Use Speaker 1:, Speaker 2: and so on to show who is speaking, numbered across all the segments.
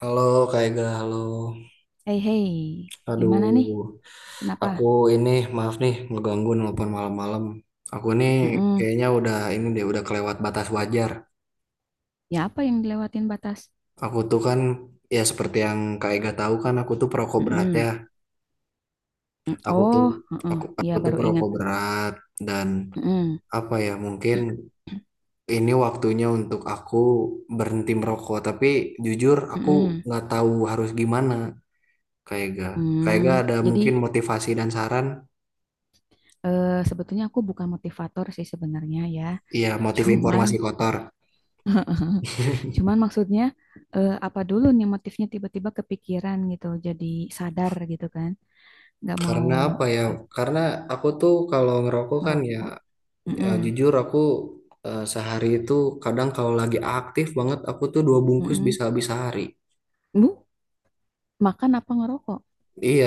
Speaker 1: Halo Kak Ega, halo.
Speaker 2: Hei, hei, gimana nih?
Speaker 1: Aduh,
Speaker 2: Kenapa?
Speaker 1: aku ini maaf nih ngeganggu nelpon malam-malam. Aku nih
Speaker 2: Mm-mm.
Speaker 1: kayaknya udah ini deh udah kelewat batas wajar.
Speaker 2: Ya apa yang dilewatin batas?
Speaker 1: Aku tuh kan, ya seperti yang Kak Ega tahu kan, aku tuh perokok berat
Speaker 2: Mm-mm.
Speaker 1: ya.
Speaker 2: Mm,
Speaker 1: Aku
Speaker 2: oh,
Speaker 1: tuh
Speaker 2: mm-mm.
Speaker 1: aku
Speaker 2: Iya,
Speaker 1: aku tuh
Speaker 2: baru ingat.
Speaker 1: perokok berat. Dan
Speaker 2: Mm-mm.
Speaker 1: apa ya, mungkin ini waktunya untuk aku berhenti merokok. Tapi jujur aku
Speaker 2: Mm-mm.
Speaker 1: nggak tahu harus gimana, Kak Ega. Kak Ega
Speaker 2: Mm.
Speaker 1: ada
Speaker 2: Jadi
Speaker 1: mungkin motivasi dan saran?
Speaker 2: sebetulnya aku bukan motivator sih sebenarnya ya.
Speaker 1: Iya, motif
Speaker 2: Cuman,
Speaker 1: informasi kotor.
Speaker 2: cuman maksudnya apa dulu nih motifnya, tiba-tiba kepikiran gitu. Jadi sadar gitu kan. Nggak mau
Speaker 1: Karena apa ya?
Speaker 2: ap-
Speaker 1: Karena aku tuh kalau ngerokok kan ya,
Speaker 2: merokok.
Speaker 1: ya
Speaker 2: Mm-mm.
Speaker 1: jujur aku sehari itu kadang kalau lagi aktif banget aku tuh 2 bungkus
Speaker 2: Mm-mm.
Speaker 1: bisa habis sehari.
Speaker 2: Bu, makan apa ngerokok?
Speaker 1: Iya,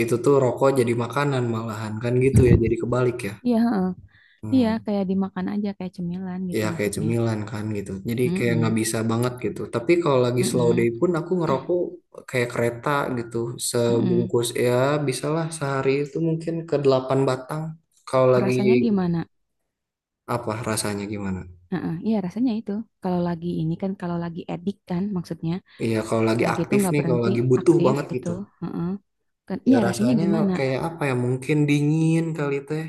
Speaker 1: itu tuh rokok jadi makanan malahan kan gitu ya, jadi kebalik ya.
Speaker 2: Iya, heeh. Iya,
Speaker 1: Hmm.
Speaker 2: kayak dimakan aja kayak cemilan gitu
Speaker 1: Ya kayak
Speaker 2: maksudnya.
Speaker 1: cemilan kan gitu. Jadi kayak nggak
Speaker 2: Mm-mm,
Speaker 1: bisa banget gitu. Tapi kalau lagi slow day
Speaker 2: mm-mm,
Speaker 1: pun aku ngerokok kayak kereta gitu.
Speaker 2: mm-mm.
Speaker 1: Sebungkus ya bisalah sehari itu mungkin ke 8 batang. Kalau lagi
Speaker 2: Rasanya gimana?
Speaker 1: apa, rasanya gimana?
Speaker 2: Heeh, iya rasanya itu. Kalau lagi ini kan, kalau lagi edik kan maksudnya
Speaker 1: Iya, kalau lagi
Speaker 2: kayak gitu
Speaker 1: aktif
Speaker 2: nggak
Speaker 1: nih, kalau
Speaker 2: berhenti,
Speaker 1: lagi butuh
Speaker 2: aktif
Speaker 1: banget
Speaker 2: gitu.
Speaker 1: gitu.
Speaker 2: Heeh. Kan,
Speaker 1: Ya
Speaker 2: iya rasanya
Speaker 1: rasanya
Speaker 2: gimana?
Speaker 1: kayak apa ya? Mungkin dingin kali, teh.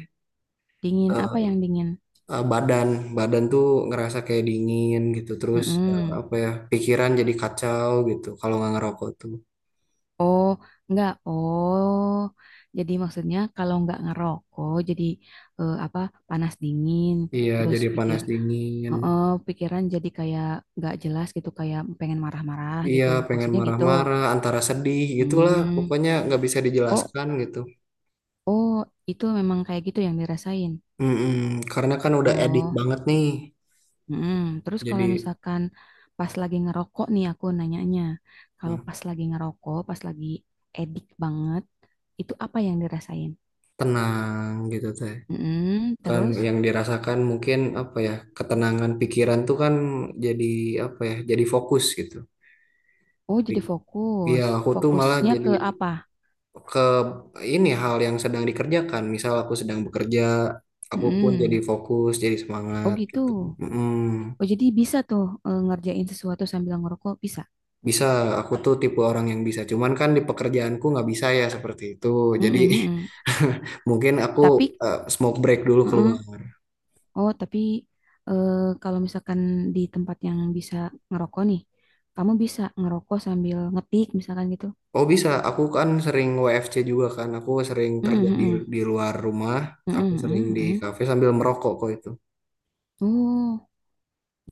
Speaker 2: Dingin apa
Speaker 1: Eh,
Speaker 2: yang dingin?
Speaker 1: eh, badan, badan tuh ngerasa kayak dingin gitu. Terus
Speaker 2: Mm-mm.
Speaker 1: apa ya? Pikiran jadi kacau gitu kalau nggak ngerokok tuh.
Speaker 2: Oh, nggak. Oh, jadi maksudnya kalau nggak ngerokok, jadi apa, panas dingin.
Speaker 1: Iya,
Speaker 2: Terus
Speaker 1: jadi panas dingin.
Speaker 2: heeh, pikiran jadi kayak nggak jelas gitu, kayak pengen marah-marah
Speaker 1: Iya,
Speaker 2: gitu.
Speaker 1: pengen
Speaker 2: Maksudnya gitu.
Speaker 1: marah-marah, antara sedih, gitulah.
Speaker 2: Hmm.
Speaker 1: Pokoknya nggak bisa
Speaker 2: Oh,
Speaker 1: dijelaskan gitu.
Speaker 2: oh, itu memang kayak gitu yang dirasain.
Speaker 1: Mm-mm. Karena kan udah edik
Speaker 2: Oh,
Speaker 1: banget nih.
Speaker 2: mm. Terus kalau
Speaker 1: Jadi
Speaker 2: misalkan pas lagi ngerokok nih aku nanyanya, kalau
Speaker 1: mm,
Speaker 2: pas lagi ngerokok, pas lagi edik banget, itu apa yang dirasain?
Speaker 1: tenang gitu, teh.
Speaker 2: Mm.
Speaker 1: Kan
Speaker 2: Terus,
Speaker 1: yang dirasakan mungkin apa ya, ketenangan pikiran tuh kan. Jadi apa ya, jadi fokus gitu.
Speaker 2: oh jadi
Speaker 1: Pik- ya
Speaker 2: fokus.
Speaker 1: aku tuh malah
Speaker 2: Fokusnya
Speaker 1: jadi
Speaker 2: ke apa?
Speaker 1: ke ini hal yang sedang dikerjakan. Misal aku sedang bekerja, aku pun jadi
Speaker 2: Mm.
Speaker 1: fokus, jadi
Speaker 2: Oh,
Speaker 1: semangat
Speaker 2: gitu.
Speaker 1: gitu. Mm,
Speaker 2: Oh jadi bisa tuh ngerjain sesuatu sambil ngerokok, bisa?
Speaker 1: bisa. Aku tuh tipe orang yang bisa, cuman kan di pekerjaanku nggak bisa ya seperti itu. Jadi
Speaker 2: Mm-mm, mm-mm.
Speaker 1: mungkin aku
Speaker 2: Tapi,
Speaker 1: smoke break dulu
Speaker 2: mm-mm.
Speaker 1: keluar.
Speaker 2: Oh, tapi eh, kalau misalkan di tempat yang bisa ngerokok nih, kamu bisa ngerokok sambil ngetik misalkan gitu.
Speaker 1: Oh bisa, aku kan sering WFC juga kan. Aku sering
Speaker 2: Mm-mm,
Speaker 1: kerja di
Speaker 2: mm-mm.
Speaker 1: di luar rumah. Aku
Speaker 2: Mm-mm,
Speaker 1: sering
Speaker 2: mm-mm,
Speaker 1: di
Speaker 2: mm-mm.
Speaker 1: kafe sambil merokok kok itu.
Speaker 2: Oh,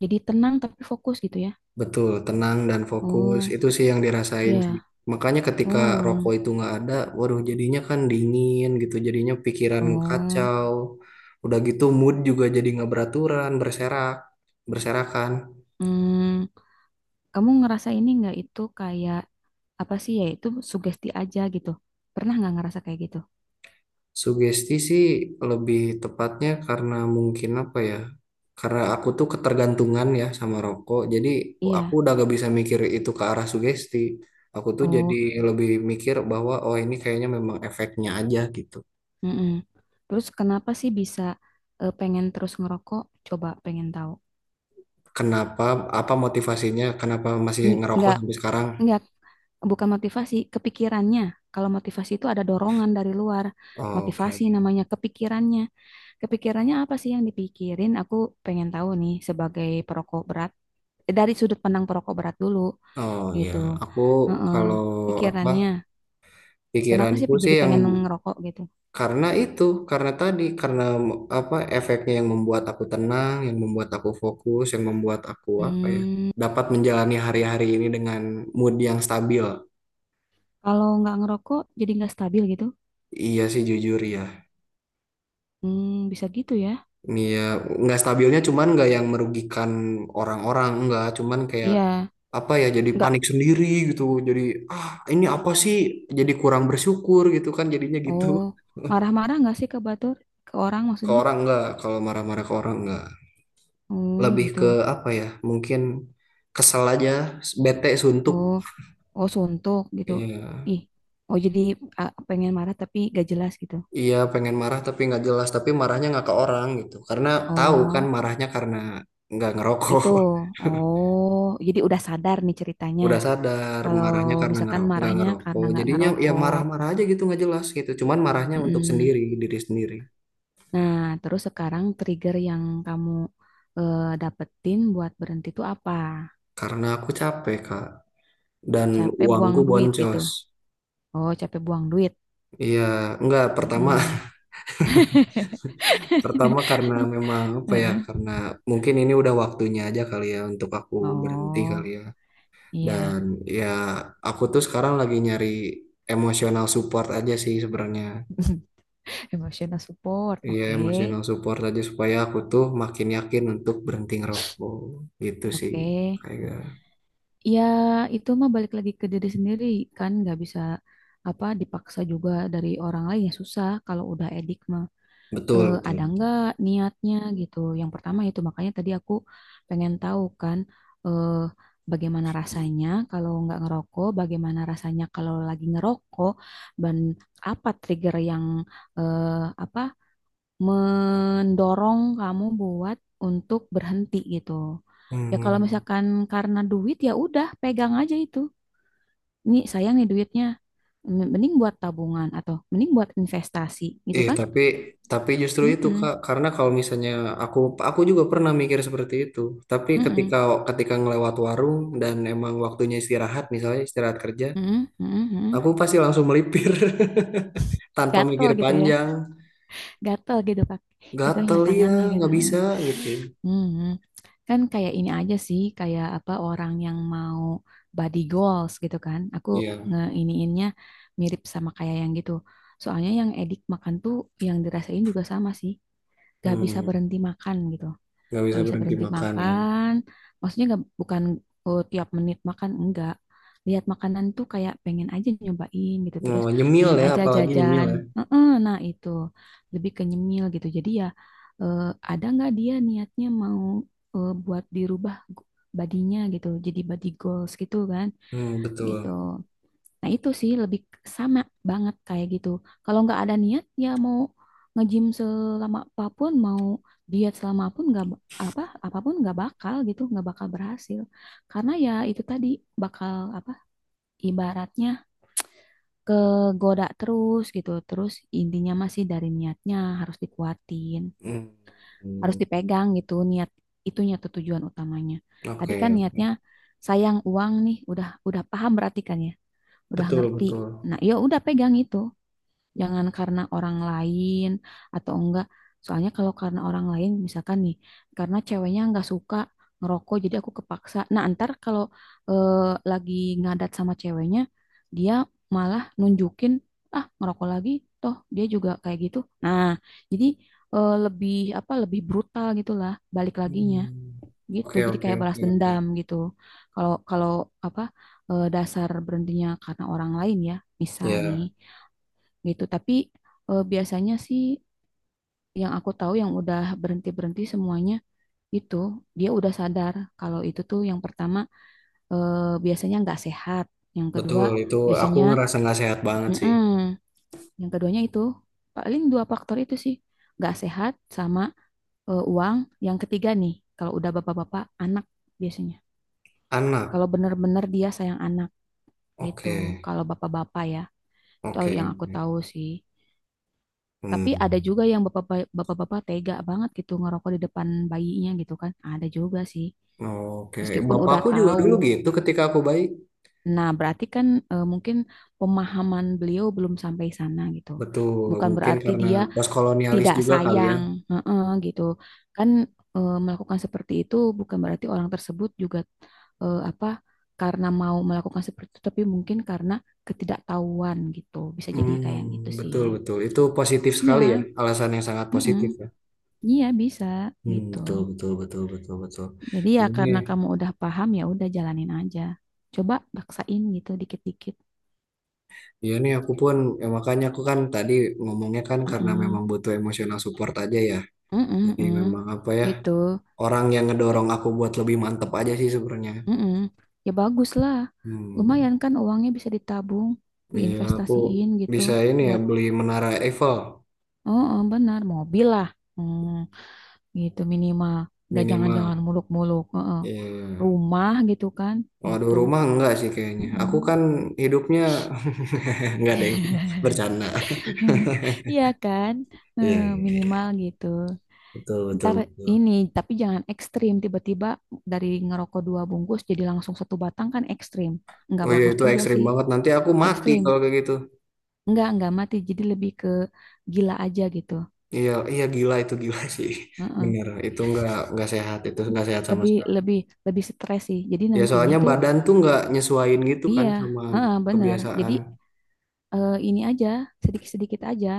Speaker 2: jadi tenang tapi fokus gitu ya?
Speaker 1: Betul, tenang dan fokus.
Speaker 2: Oh,
Speaker 1: Itu sih yang dirasain sih.
Speaker 2: ya.
Speaker 1: Makanya ketika rokok
Speaker 2: Oh,
Speaker 1: itu nggak ada, waduh jadinya kan dingin gitu. Jadinya pikiran
Speaker 2: oh.
Speaker 1: kacau. Udah gitu mood juga jadi nggak beraturan, berserakan.
Speaker 2: Hmm. Kamu ngerasa ini nggak itu kayak apa sih ya? Itu sugesti aja gitu. Pernah nggak ngerasa kayak gitu?
Speaker 1: Sugesti sih lebih tepatnya, karena mungkin apa ya? Karena aku tuh ketergantungan ya sama rokok. Jadi aku
Speaker 2: Iya.
Speaker 1: udah gak bisa mikir itu ke arah sugesti. Aku tuh jadi
Speaker 2: Oh,
Speaker 1: lebih mikir bahwa oh ini kayaknya memang efeknya aja gitu.
Speaker 2: mm-mm. Terus kenapa sih bisa pengen terus ngerokok? Coba pengen tahu.
Speaker 1: Kenapa? Apa motivasinya? Kenapa masih
Speaker 2: N-
Speaker 1: ngerokok
Speaker 2: Nggak,
Speaker 1: sampai sekarang?
Speaker 2: nggak, bukan motivasi, kepikirannya. Kalau motivasi itu ada dorongan dari luar.
Speaker 1: Oh,
Speaker 2: Motivasi
Speaker 1: oke.
Speaker 2: namanya kepikirannya. Kepikirannya apa sih yang dipikirin? Aku pengen tahu nih sebagai perokok berat. Dari sudut pandang perokok berat dulu
Speaker 1: Oh ya,
Speaker 2: gitu.
Speaker 1: aku
Speaker 2: Heeh,
Speaker 1: kalau apa,
Speaker 2: pikirannya. Kenapa sih
Speaker 1: pikiranku sih
Speaker 2: jadi
Speaker 1: yang...
Speaker 2: pengen ngerokok gitu?
Speaker 1: Karena itu, karena tadi, karena apa, efeknya yang membuat aku tenang, yang membuat aku fokus, yang membuat aku apa ya,
Speaker 2: Hmm,
Speaker 1: dapat menjalani hari-hari ini dengan mood yang stabil.
Speaker 2: kalau nggak ngerokok jadi nggak stabil gitu.
Speaker 1: Iya sih, jujur ya.
Speaker 2: Hmm, bisa gitu ya.
Speaker 1: Iya, nggak stabilnya cuman nggak yang merugikan orang-orang, nggak cuman kayak
Speaker 2: Iya.
Speaker 1: apa ya, jadi
Speaker 2: Enggak.
Speaker 1: panik sendiri gitu. Jadi ah ini apa sih? Jadi kurang bersyukur gitu kan jadinya gitu.
Speaker 2: Oh, marah-marah enggak sih ke Batur? Ke orang
Speaker 1: Ke
Speaker 2: maksudnya?
Speaker 1: orang enggak, kalau marah-marah ke orang enggak.
Speaker 2: Oh,
Speaker 1: Lebih ke
Speaker 2: gitu.
Speaker 1: apa ya, mungkin kesel aja, bete, suntuk.
Speaker 2: Oh, oh suntuk gitu.
Speaker 1: Iya,
Speaker 2: Ih, oh jadi pengen marah tapi gak jelas gitu.
Speaker 1: iya, pengen marah tapi nggak jelas, tapi marahnya nggak ke orang gitu, karena tahu kan
Speaker 2: Oh,
Speaker 1: marahnya karena nggak ngerokok.
Speaker 2: itu. Oh, jadi udah sadar nih ceritanya.
Speaker 1: Udah sadar
Speaker 2: Kalau
Speaker 1: marahnya karena
Speaker 2: misalkan
Speaker 1: nggak
Speaker 2: marahnya karena
Speaker 1: ngerokok,
Speaker 2: nggak
Speaker 1: jadinya ya
Speaker 2: ngerokok.
Speaker 1: marah-marah aja gitu nggak jelas gitu, cuman marahnya untuk
Speaker 2: Mm-mm.
Speaker 1: diri sendiri.
Speaker 2: Nah, terus sekarang trigger yang kamu dapetin buat berhenti itu apa?
Speaker 1: Karena aku capek, Kak, dan
Speaker 2: Capek buang
Speaker 1: uangku
Speaker 2: duit gitu.
Speaker 1: boncos.
Speaker 2: Oh, capek buang duit.
Speaker 1: Iya, nggak, pertama.
Speaker 2: Mm-mm.
Speaker 1: Pertama karena memang apa ya, karena mungkin ini udah waktunya aja kali ya untuk aku berhenti kali
Speaker 2: Oh,
Speaker 1: ya.
Speaker 2: iya.
Speaker 1: Dan ya, aku tuh sekarang lagi nyari emosional support aja sih sebenarnya.
Speaker 2: Emotional support.
Speaker 1: Iya,
Speaker 2: Oke.
Speaker 1: emosional support aja supaya aku tuh makin yakin untuk berhenti ngerokok gitu sih.
Speaker 2: Oke.
Speaker 1: Kayak...
Speaker 2: Ya, itu mah balik lagi ke diri sendiri, kan nggak bisa apa dipaksa juga dari orang lain, ya susah kalau udah edik mah.
Speaker 1: betul,
Speaker 2: Eh,
Speaker 1: betul.
Speaker 2: ada
Speaker 1: Betul.
Speaker 2: nggak niatnya gitu. Yang pertama itu makanya tadi aku pengen tahu kan eh, bagaimana rasanya kalau nggak ngerokok, bagaimana rasanya kalau lagi ngerokok, dan apa trigger yang apa mendorong kamu buat untuk berhenti gitu. Ya kalau
Speaker 1: Hmm.
Speaker 2: misalkan karena duit ya udah pegang aja itu. Nih sayang nih duitnya, mending buat tabungan atau mending buat investasi gitu
Speaker 1: Ih,
Speaker 2: kan?
Speaker 1: tapi justru itu,
Speaker 2: Mm-mm,
Speaker 1: Kak. Karena kalau misalnya aku aku juga pernah mikir seperti itu. Tapi
Speaker 2: mm-mm,
Speaker 1: ketika ketika ngelewat warung dan emang waktunya istirahat, misalnya istirahat kerja,
Speaker 2: mm-mm, mm-mm, mm-mm.
Speaker 1: aku pasti langsung melipir tanpa
Speaker 2: Gatel
Speaker 1: mikir
Speaker 2: gitu ya,
Speaker 1: panjang.
Speaker 2: gatel gitu pak, itunya
Speaker 1: Gatel ya,
Speaker 2: tangannya gitu.
Speaker 1: nggak bisa gitu.
Speaker 2: Hmm, kan kayak ini aja sih, kayak apa, orang yang mau body goals gitu kan. Aku
Speaker 1: Iya,
Speaker 2: ngeiniinnya mirip sama kayak yang gitu. Soalnya yang edik makan tuh, yang dirasain juga sama sih, gak bisa
Speaker 1: hmm,
Speaker 2: berhenti makan gitu,
Speaker 1: nggak bisa
Speaker 2: nggak bisa
Speaker 1: berhenti
Speaker 2: berhenti
Speaker 1: makan ya.
Speaker 2: makan maksudnya, nggak, bukan oh tiap menit makan, enggak, lihat makanan tuh kayak pengen aja nyobain gitu, terus
Speaker 1: Oh, nyemil
Speaker 2: pengen
Speaker 1: ya,
Speaker 2: aja
Speaker 1: apalagi nyemil
Speaker 2: jajan.
Speaker 1: ya.
Speaker 2: Heeh, nah itu lebih ke nyemil gitu, jadi ya eh, ada nggak dia niatnya mau buat dirubah badinya gitu jadi body goals gitu kan,
Speaker 1: Hmm,
Speaker 2: gitu.
Speaker 1: betul.
Speaker 2: Nah, itu sih lebih sama banget kayak gitu. Kalau nggak ada niat, ya mau nge-gym selama apapun, mau diet selama apapun nggak apapun nggak bakal gitu, nggak bakal berhasil. Karena ya itu tadi, bakal apa ibaratnya, kegoda terus gitu. Terus intinya masih dari niatnya harus dikuatin,
Speaker 1: Hmm,
Speaker 2: harus
Speaker 1: hmm,
Speaker 2: dipegang gitu niat itunya tuh, tujuan utamanya. Tadi kan
Speaker 1: oke.
Speaker 2: niatnya sayang uang nih, udah paham berarti kan ya, udah
Speaker 1: Betul,
Speaker 2: ngerti.
Speaker 1: betul.
Speaker 2: Nah, ya udah pegang itu. Jangan karena orang lain atau enggak. Soalnya kalau karena orang lain, misalkan nih, karena ceweknya enggak suka ngerokok, jadi aku kepaksa. Nah, antar kalau eh, lagi ngadat sama ceweknya, dia malah nunjukin, ah, ngerokok lagi, toh dia juga kayak gitu. Nah, jadi lebih apa, lebih brutal gitulah balik laginya
Speaker 1: Hmm,
Speaker 2: gitu.
Speaker 1: oke
Speaker 2: Jadi
Speaker 1: oke
Speaker 2: kayak balas
Speaker 1: oke oke.
Speaker 2: dendam gitu. Kalau kalau apa dasar berhentinya karena orang lain ya, misal nih
Speaker 1: Ya.
Speaker 2: gitu. Tapi biasanya sih yang aku tahu yang udah berhenti-berhenti semuanya itu, dia udah sadar kalau itu tuh yang pertama biasanya nggak sehat, yang kedua
Speaker 1: Betul, itu aku
Speaker 2: biasanya,
Speaker 1: ngerasa nggak sehat banget sih.
Speaker 2: mm-mm, yang keduanya itu paling dua faktor itu sih, nggak sehat sama uang. Yang ketiga nih kalau udah bapak-bapak anak biasanya. Kalau
Speaker 1: Anak,
Speaker 2: bener-bener dia sayang anak gitu.
Speaker 1: oke,
Speaker 2: Kalau bapak-bapak ya, itu
Speaker 1: oke,
Speaker 2: yang aku
Speaker 1: oke.
Speaker 2: tahu sih. Tapi
Speaker 1: Hmm.
Speaker 2: ada juga yang bapak-bapak tega banget gitu ngerokok di depan bayinya gitu kan. Ada juga sih.
Speaker 1: Oke,
Speaker 2: Meskipun udah
Speaker 1: bapakku juga dulu
Speaker 2: tahu.
Speaker 1: gitu ketika aku bayi.
Speaker 2: Nah, berarti kan mungkin pemahaman beliau belum sampai sana gitu.
Speaker 1: Betul,
Speaker 2: Bukan
Speaker 1: mungkin
Speaker 2: berarti
Speaker 1: karena
Speaker 2: dia
Speaker 1: postkolonialis
Speaker 2: tidak
Speaker 1: juga kali ya.
Speaker 2: sayang, heeh, gitu. Kan melakukan seperti itu bukan berarti orang tersebut juga apa, karena mau melakukan seperti itu, tapi mungkin karena ketidaktahuan gitu. Bisa jadi kayak gitu
Speaker 1: Hmm,
Speaker 2: sih.
Speaker 1: betul, betul. Itu positif
Speaker 2: Ya,
Speaker 1: sekali ya, alasan yang sangat
Speaker 2: heeh.
Speaker 1: positif ya.
Speaker 2: Iya bisa
Speaker 1: Hmm,
Speaker 2: gitu.
Speaker 1: betul, betul, betul, betul, betul.
Speaker 2: Jadi ya
Speaker 1: Ini,
Speaker 2: karena kamu udah paham, ya udah jalanin aja. Coba baksain gitu dikit-dikit.
Speaker 1: ya nih aku pun, ya makanya aku kan tadi ngomongnya kan karena
Speaker 2: Mm-mm.
Speaker 1: memang butuh emosional support aja ya.
Speaker 2: Mm-mm,
Speaker 1: Jadi
Speaker 2: mm.
Speaker 1: memang apa ya,
Speaker 2: Gitu.
Speaker 1: orang yang
Speaker 2: Y-
Speaker 1: ngedorong aku buat lebih mantep aja sih sebenarnya.
Speaker 2: Mm-mm. Ya bagus lah.
Speaker 1: Hmm,
Speaker 2: Lumayan kan uangnya bisa ditabung,
Speaker 1: iya, aku
Speaker 2: diinvestasiin gitu
Speaker 1: bisa ini ya
Speaker 2: buat,
Speaker 1: beli Menara Eiffel
Speaker 2: oh, oh, benar, mobil lah. Hmm, gitu minimal. Gak jangan-jangan
Speaker 1: minimal.
Speaker 2: muluk-muluk. Heeh.
Speaker 1: Iya.
Speaker 2: Rumah gitu kan,
Speaker 1: Waduh,
Speaker 2: gitu.
Speaker 1: rumah enggak sih kayaknya. Aku kan
Speaker 2: Mm-mm.
Speaker 1: hidupnya enggak deng, bercanda.
Speaker 2: Iya kan?
Speaker 1: Iya,
Speaker 2: Eh,
Speaker 1: iya, iya.
Speaker 2: minimal gitu.
Speaker 1: Betul betul
Speaker 2: Ntar
Speaker 1: betul.
Speaker 2: ini, tapi jangan ekstrim. Tiba-tiba dari ngerokok 2 bungkus jadi langsung 1 batang, kan ekstrim. Nggak
Speaker 1: Oh iya
Speaker 2: bagus
Speaker 1: itu
Speaker 2: juga
Speaker 1: ekstrim
Speaker 2: sih,
Speaker 1: banget. Nanti aku mati
Speaker 2: ekstrim.
Speaker 1: kalau kayak gitu.
Speaker 2: Nggak mati. Jadi lebih ke gila aja gitu.
Speaker 1: Iya iya gila, itu gila sih.
Speaker 2: Heeh.
Speaker 1: Bener itu nggak sehat, itu nggak sehat sama
Speaker 2: Lebih,
Speaker 1: sekali.
Speaker 2: lebih, lebih stres sih. Jadi
Speaker 1: Ya
Speaker 2: nantinya
Speaker 1: soalnya
Speaker 2: tuh,
Speaker 1: badan tuh nggak nyesuaiin gitu kan
Speaker 2: iya,
Speaker 1: sama
Speaker 2: heeh, benar. Jadi
Speaker 1: kebiasaan.
Speaker 2: ini aja, sedikit-sedikit aja.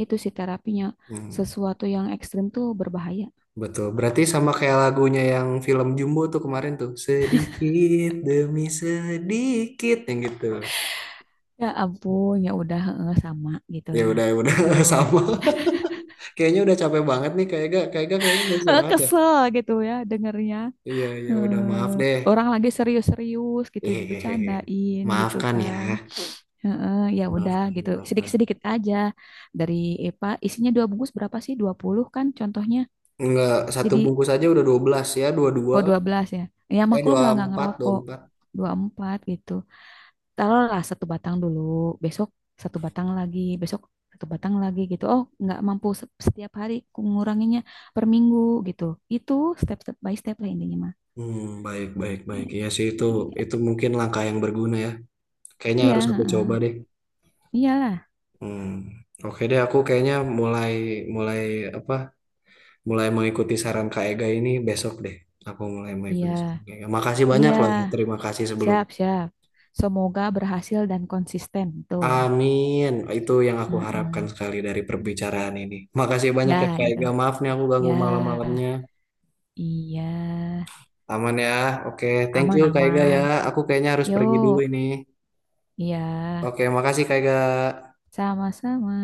Speaker 2: Itu sih terapinya.
Speaker 1: Hmm.
Speaker 2: Sesuatu yang ekstrim tuh berbahaya.
Speaker 1: Betul. Berarti sama kayak lagunya yang film Jumbo tuh kemarin tuh. Sedikit demi sedikit yang gitu.
Speaker 2: Ya ampun, ya udah heeh, sama gitu. Nah,
Speaker 1: Ya udah
Speaker 2: gitu.
Speaker 1: sama. Kayaknya udah capek banget nih, kayak gak kayaknya mau
Speaker 2: Eh,
Speaker 1: istirahat ya.
Speaker 2: kesel gitu ya dengernya.
Speaker 1: Iya ya
Speaker 2: Eh,
Speaker 1: udah, maaf deh.
Speaker 2: orang lagi serius-serius gitu
Speaker 1: Hehehe.
Speaker 2: dibecandain gitu
Speaker 1: Maafkan
Speaker 2: kan.
Speaker 1: ya.
Speaker 2: Heeh, ya udah
Speaker 1: Maafkan,
Speaker 2: gitu.
Speaker 1: maafkan.
Speaker 2: Sedikit-sedikit aja dari EPA isinya 2 bungkus berapa sih? 20 kan contohnya.
Speaker 1: Enggak, satu
Speaker 2: Jadi
Speaker 1: bungkus aja udah 12 ya, 22.
Speaker 2: oh, 12 ya. Ya
Speaker 1: Ya
Speaker 2: maklum lah nggak
Speaker 1: 24,
Speaker 2: ngerokok.
Speaker 1: empat.
Speaker 2: 24 gitu. Taruhlah 1 batang dulu, besok 1 batang lagi, besok 1 batang lagi gitu. Oh, nggak mampu setiap hari ku nguranginnya, per minggu gitu. Itu step step by step lah intinya mah.
Speaker 1: Hmm, baik, baik, baik.
Speaker 2: Iya,
Speaker 1: Iya sih itu
Speaker 2: iya,
Speaker 1: itu mungkin langkah yang berguna ya. Kayaknya
Speaker 2: iya,
Speaker 1: harus aku coba
Speaker 2: heeh.
Speaker 1: deh.
Speaker 2: Iyalah,
Speaker 1: Hmm, oke deh. Aku kayaknya mulai mulai apa? Mulai mengikuti saran Kak Ega ini besok deh. Aku mulai mengikuti
Speaker 2: iya,
Speaker 1: saran Kak Ega. Makasih banyak
Speaker 2: iya,
Speaker 1: loh ya. Terima kasih sebelum.
Speaker 2: siap siap. Semoga berhasil dan konsisten tuh.
Speaker 1: Amin. Itu yang aku harapkan
Speaker 2: Heeh.
Speaker 1: sekali dari perbicaraan ini. Makasih banyak ya
Speaker 2: Dah
Speaker 1: Kak
Speaker 2: itu.
Speaker 1: Ega. Maaf nih, aku ganggu
Speaker 2: Ya,
Speaker 1: malam-malamnya.
Speaker 2: iya,
Speaker 1: Aman ya. Oke, thank
Speaker 2: aman
Speaker 1: you Kak Ega ya.
Speaker 2: aman.
Speaker 1: Aku kayaknya harus pergi dulu
Speaker 2: Yuk,
Speaker 1: ini.
Speaker 2: iya,
Speaker 1: Oke, makasih Kak Ega.
Speaker 2: sama-sama.